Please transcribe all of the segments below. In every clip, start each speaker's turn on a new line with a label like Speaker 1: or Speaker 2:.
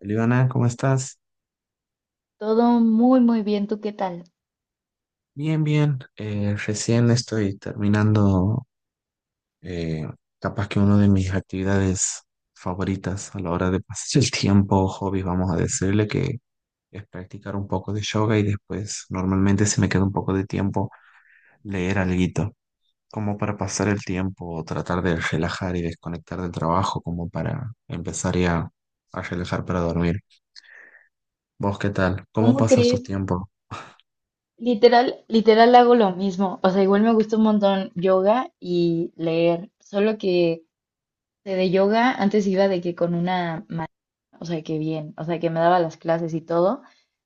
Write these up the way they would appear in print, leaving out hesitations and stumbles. Speaker 1: Eliana, ¿cómo estás?
Speaker 2: Todo muy, muy bien. ¿Tú qué tal?
Speaker 1: Bien, bien. Recién estoy terminando eh, capaz que una de mis actividades favoritas a la hora de pasar el tiempo, hobby, vamos a decirle que es practicar un poco de yoga y después normalmente si me queda un poco de tiempo leer alguito, como para pasar el tiempo o tratar de relajar y desconectar del trabajo, como para empezar ya a relajar para dormir. ¿Vos qué tal? ¿Cómo
Speaker 2: ¿Cómo
Speaker 1: pasas tu
Speaker 2: crees?
Speaker 1: tiempo?
Speaker 2: Literal, literal hago lo mismo. O sea, igual me gusta un montón yoga y leer. Solo que de yoga antes iba de que con una ma- o sea, que bien, o sea, que me daba las clases y todo.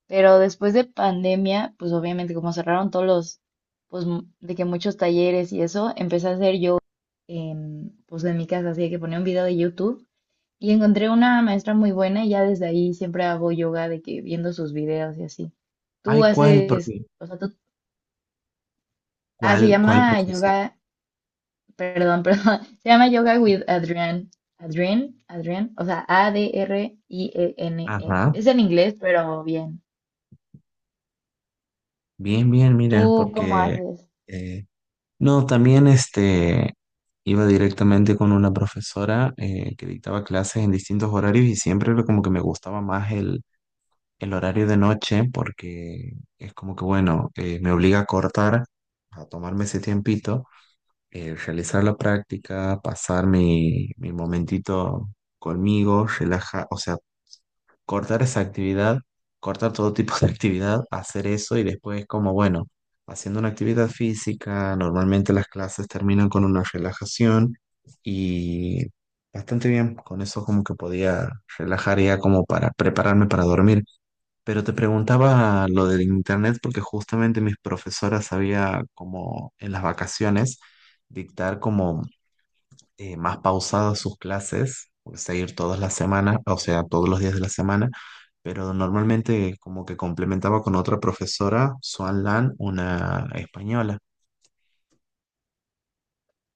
Speaker 2: Pero después de pandemia, pues obviamente como cerraron todos los, pues m- de que muchos talleres y eso, empecé a hacer yoga en, pues en mi casa. Así que ponía un video de YouTube y encontré una maestra muy buena y ya desde ahí siempre hago yoga de que viendo sus videos y así. Tú
Speaker 1: Ay, ¿cuál?
Speaker 2: haces,
Speaker 1: Porque,
Speaker 2: o sea, tú, se
Speaker 1: ¿cuál,
Speaker 2: llama
Speaker 1: profesor?
Speaker 2: yoga, perdón, perdón, se llama Yoga with Adrián Adrián, o sea, A-D-R-I-E-N-E.
Speaker 1: Ajá,
Speaker 2: Es en inglés, pero bien.
Speaker 1: bien, bien, mira,
Speaker 2: ¿Tú Mm. cómo
Speaker 1: porque
Speaker 2: haces?
Speaker 1: eh, no, también este iba directamente con una profesora que dictaba clases en distintos horarios y siempre era como que me gustaba más el horario de noche porque es como que bueno, me obliga a cortar, a tomarme ese tiempito, realizar la práctica, pasar mi momentito conmigo, relajar, o sea, cortar esa actividad, cortar todo tipo de actividad, hacer eso y después como, bueno, haciendo una actividad física, normalmente las clases terminan con una relajación y bastante bien, con eso como que podía relajar ya como para prepararme para dormir. Pero te preguntaba lo del internet porque justamente mis profesoras sabía como en las vacaciones dictar como más pausadas sus clases, o sea, ir todas las semanas, o sea, todos los días de la semana pero normalmente como que complementaba con otra profesora, Swan Lan, una española.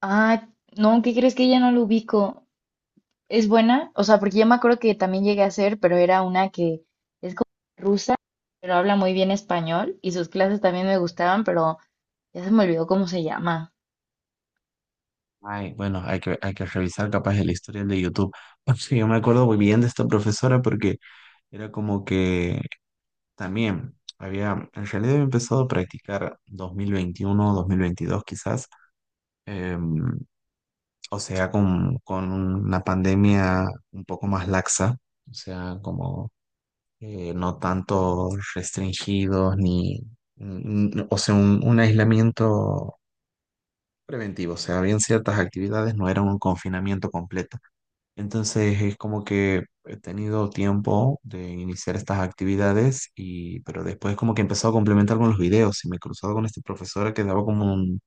Speaker 2: Ah, no, ¿qué crees que ya no lo ubico? ¿Es buena? O sea, porque yo me acuerdo que también llegué a hacer, pero era una que es como rusa, pero habla muy bien español y sus clases también me gustaban, pero ya se me olvidó cómo se llama.
Speaker 1: Ay, bueno, hay que revisar capaz el historial de YouTube. Porque yo me acuerdo muy bien de esta profesora porque era como que también había, en realidad había empezado a practicar 2021, 2022 quizás, em, o sea, con una pandemia un poco más laxa, o sea, como no tanto restringidos ni, o sea, un aislamiento preventivo, o sea, habían ciertas actividades, no era un confinamiento completo. Entonces es como que he tenido tiempo de iniciar estas actividades y, pero después como que he empezado a complementar con los videos y me he cruzado con esta profesora que daba como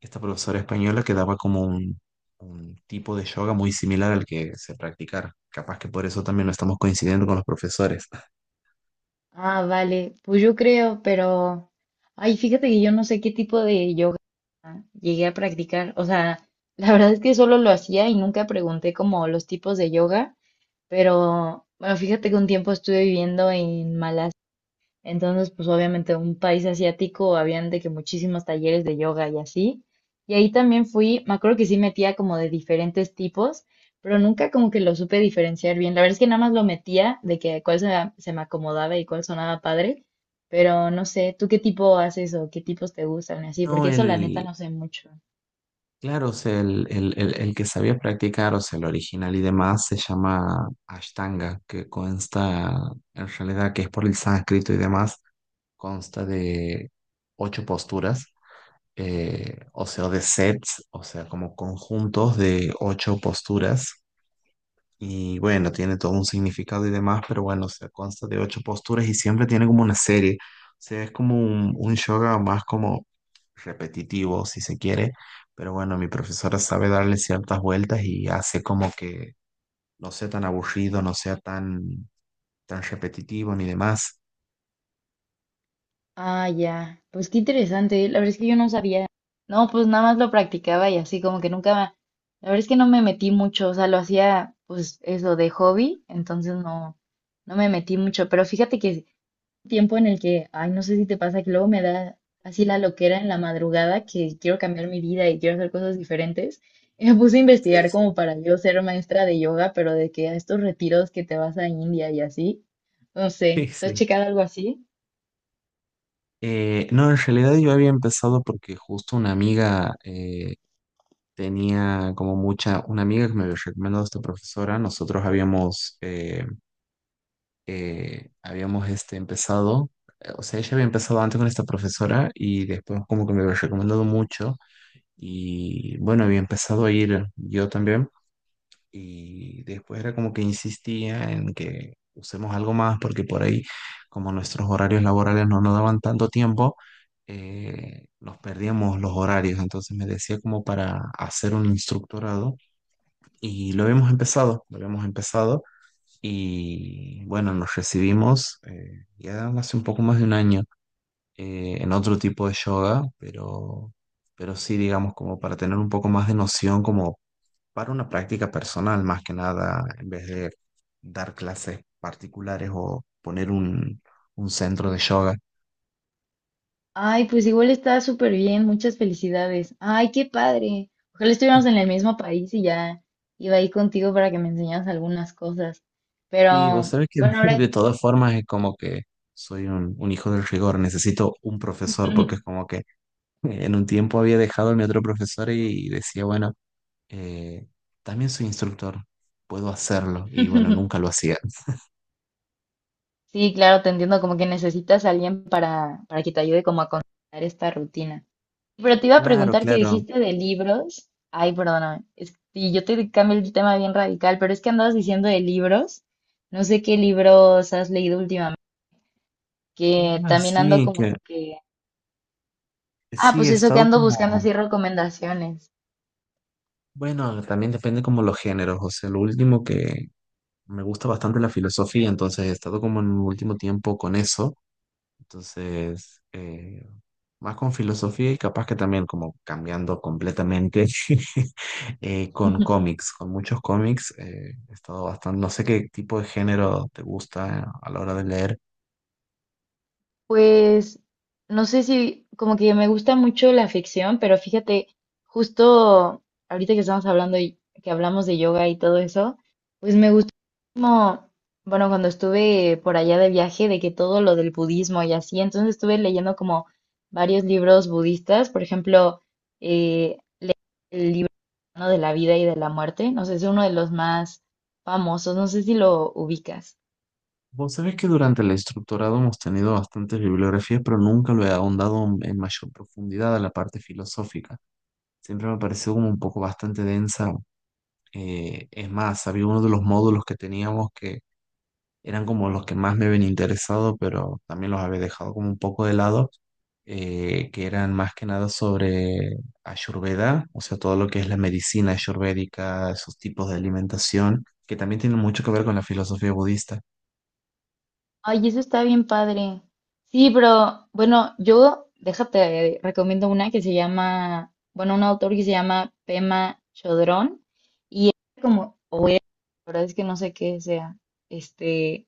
Speaker 1: esta profesora española que daba como un tipo de yoga muy similar al que se practicara. Capaz que por eso también no estamos coincidiendo con los profesores.
Speaker 2: Ah, vale. Pues yo creo, pero... Ay, fíjate que yo no sé qué tipo de yoga llegué a practicar. O sea, la verdad es que solo lo hacía y nunca pregunté como los tipos de yoga. Pero, bueno, fíjate que un tiempo estuve viviendo en Malasia. Entonces, pues obviamente un país asiático, habían de que muchísimos talleres de yoga y así. Y ahí también fui, me acuerdo que sí metía como de diferentes tipos, pero nunca como que lo supe diferenciar bien. La verdad es que nada más lo metía de que cuál se, se me acomodaba y cuál sonaba padre, pero no sé, ¿tú qué tipo haces o qué tipos te gustan y así?
Speaker 1: No,
Speaker 2: Porque eso la neta
Speaker 1: el,
Speaker 2: no sé mucho.
Speaker 1: Claro, o sea, el que sabía practicar, o sea, el original y demás, se llama Ashtanga, que consta, en realidad, que es por el sánscrito y demás, consta de ocho posturas, o sea, de sets, o sea, como conjuntos de ocho posturas y bueno, tiene todo un significado y demás, pero bueno, o sea, consta de ocho posturas y siempre tiene como una serie. O sea, es como un yoga más como repetitivo, si se quiere. Pero bueno, mi profesora sabe darle ciertas vueltas y hace como que no sea tan aburrido, no sea tan, tan repetitivo ni demás.
Speaker 2: Ah, ya. Pues qué interesante. La verdad es que yo no sabía. No, pues nada más lo practicaba y así como que nunca... me- La verdad es que no me metí mucho. O sea, lo hacía pues eso de hobby. Entonces no, no me metí mucho. Pero fíjate que es un tiempo en el que, ay, no sé si te pasa que luego me da así la loquera en la madrugada que quiero cambiar mi vida y quiero hacer cosas diferentes. Y me puse a
Speaker 1: Sí,
Speaker 2: investigar
Speaker 1: sí.
Speaker 2: como para yo ser maestra de yoga, pero de que a estos retiros que te vas a India y así. No
Speaker 1: Sí,
Speaker 2: sé. ¿Tú has
Speaker 1: sí.
Speaker 2: checado algo así?
Speaker 1: No, en realidad yo había empezado porque justo una amiga tenía como mucha, una amiga que me había recomendado esta profesora, nosotros habíamos este, empezado, o sea, ella había empezado antes con esta profesora y después como que me había recomendado mucho y bueno, había empezado a ir yo también y después era como que insistía en que usemos algo más porque por ahí como nuestros horarios laborales no nos daban tanto tiempo, nos perdíamos los horarios, entonces me decía como para hacer un instructorado y lo habíamos empezado, lo habíamos empezado. Y bueno, nos recibimos ya hace un poco más de un año en otro tipo de yoga, pero sí, digamos, como para tener un poco más de noción, como para una práctica personal, más que nada, en vez de dar clases particulares o poner un centro de yoga.
Speaker 2: Ay, pues igual está súper bien, muchas felicidades. Ay, qué padre. Ojalá estuviéramos en el mismo país y ya iba ahí contigo para que me enseñaras algunas cosas.
Speaker 1: Sí, vos
Speaker 2: Pero
Speaker 1: sabés que
Speaker 2: bueno, ahora
Speaker 1: de todas formas es como que soy un hijo del rigor, necesito un profesor, porque es como que en un tiempo había dejado a mi otro profesor y decía, bueno eh, también soy instructor, puedo hacerlo y bueno, nunca lo hacía.
Speaker 2: sí, claro, te entiendo, como que necesitas a alguien para que te ayude como a contar esta rutina. Pero te iba a
Speaker 1: Claro,
Speaker 2: preguntar que
Speaker 1: claro.
Speaker 2: dijiste de libros. Ay, perdóname. Es, y yo te cambio el tema bien radical, pero es que andabas diciendo de libros. No sé qué libros has leído últimamente, que
Speaker 1: Ah,
Speaker 2: también ando
Speaker 1: sí,
Speaker 2: como que... Ah, pues
Speaker 1: he
Speaker 2: eso que
Speaker 1: estado
Speaker 2: ando buscando
Speaker 1: como,
Speaker 2: así recomendaciones.
Speaker 1: bueno, también depende como los géneros, o sea, lo último que me gusta bastante la filosofía, entonces he estado como en el último tiempo con eso, entonces más con filosofía y capaz que también como cambiando completamente con cómics, con muchos cómics, he estado bastante, no sé qué tipo de género te gusta a la hora de leer.
Speaker 2: Pues no sé si como que me gusta mucho la ficción, pero fíjate, justo ahorita que estamos hablando y que hablamos de yoga y todo eso, pues me gustó como, bueno, cuando estuve por allá de viaje, de que todo lo del budismo y así, entonces estuve leyendo como varios libros budistas, por ejemplo, eh, el libro, ¿no?, de la vida y de la muerte, no sé, es uno de los más famosos, no sé si lo ubicas.
Speaker 1: Vos sabés que durante el instructorado hemos tenido bastantes bibliografías, pero nunca lo he ahondado en mayor profundidad a la parte filosófica. Siempre me pareció como un poco bastante densa. Es más, había uno de los módulos que teníamos que eran como los que más me habían interesado, pero también los había dejado como un poco de lado, que eran más que nada sobre Ayurveda, o sea, todo lo que es la medicina ayurvédica, esos tipos de alimentación, que también tienen mucho que ver con la filosofía budista.
Speaker 2: Ay, eso está bien padre. Sí, pero bueno, yo déjate, recomiendo una que se llama, bueno, un autor que se llama Pema Chodrón como, o era, la verdad es que no sé qué sea, este,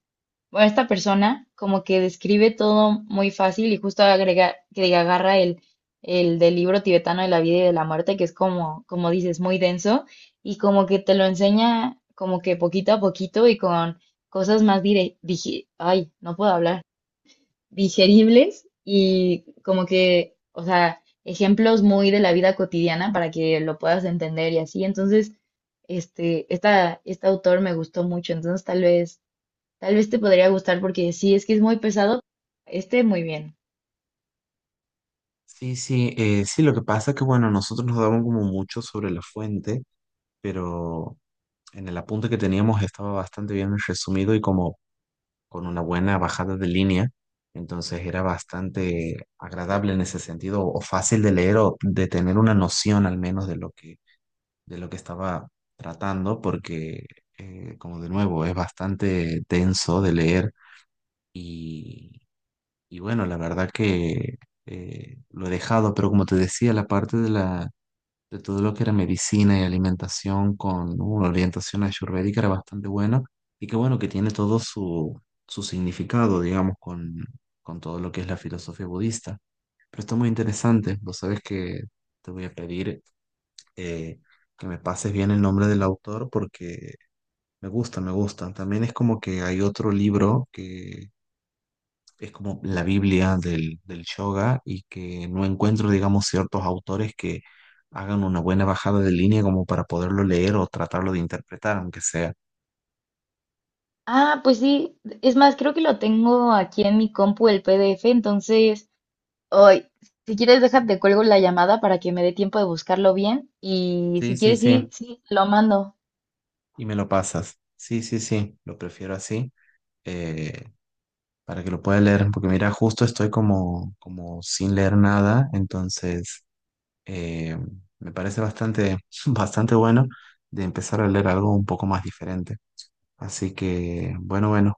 Speaker 2: bueno, esta persona como que describe todo muy fácil y justo agrega, que agarra el del libro tibetano de la vida y de la muerte, que es como, como dices, muy denso, y como que te lo enseña como que poquito a poquito y con cosas más dire, digi- ay, no puedo hablar, digeribles y como que, o sea, ejemplos muy de la vida cotidiana para que lo puedas entender y así. Entonces, este, esta, este autor me gustó mucho, entonces tal vez te podría gustar porque sí, es que es muy pesado. Este, muy bien.
Speaker 1: Sí, sí, sí, lo que pasa es que, bueno, nosotros nos daban como mucho sobre la fuente, pero en el apunte que teníamos estaba bastante bien resumido y como con una buena bajada de línea, entonces era bastante agradable en ese sentido, o fácil de leer o de tener una noción al menos de de lo que estaba tratando, porque, como de nuevo, es bastante denso de leer y bueno, la verdad que lo he dejado, pero como te decía, la parte de todo lo que era medicina y alimentación con una orientación ayurvédica era bastante buena y que bueno, que tiene todo su, su significado, digamos, con todo lo que es la filosofía budista. Pero está muy interesante, vos sabes que te voy a pedir eh, que me pases bien el nombre del autor porque me gusta, me gusta. También es como que hay otro libro que es como la Biblia del yoga y que no encuentro, digamos, ciertos autores que hagan una buena bajada de línea como para poderlo leer o tratarlo de interpretar, aunque sea.
Speaker 2: Ah, pues sí, es más, creo que lo tengo aquí en mi compu el PDF, entonces, hoy, si quieres, déjate, cuelgo la llamada para que me dé tiempo de buscarlo bien y si
Speaker 1: Sí, sí,
Speaker 2: quieres, sí,
Speaker 1: sí,
Speaker 2: sí, te lo mando.
Speaker 1: y me lo pasas. Sí, sí, sí, lo prefiero así, eh, para que lo pueda leer, porque mira, justo estoy como, como sin leer nada, entonces eh, me parece bastante, bastante bueno de empezar a leer algo un poco más diferente. Así que, bueno, bueno,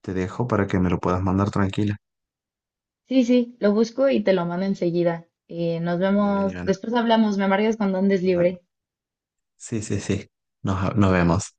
Speaker 1: te dejo para que me lo puedas mandar tranquila.
Speaker 2: Sí, sí, lo busco y te lo mando enseguida. Nos
Speaker 1: Muy bien,
Speaker 2: vemos,
Speaker 1: Ivana.
Speaker 2: después hablamos, me marcas cuando andes
Speaker 1: Nos vemos.
Speaker 2: libre.
Speaker 1: Sí, sí, sí. Nos vemos.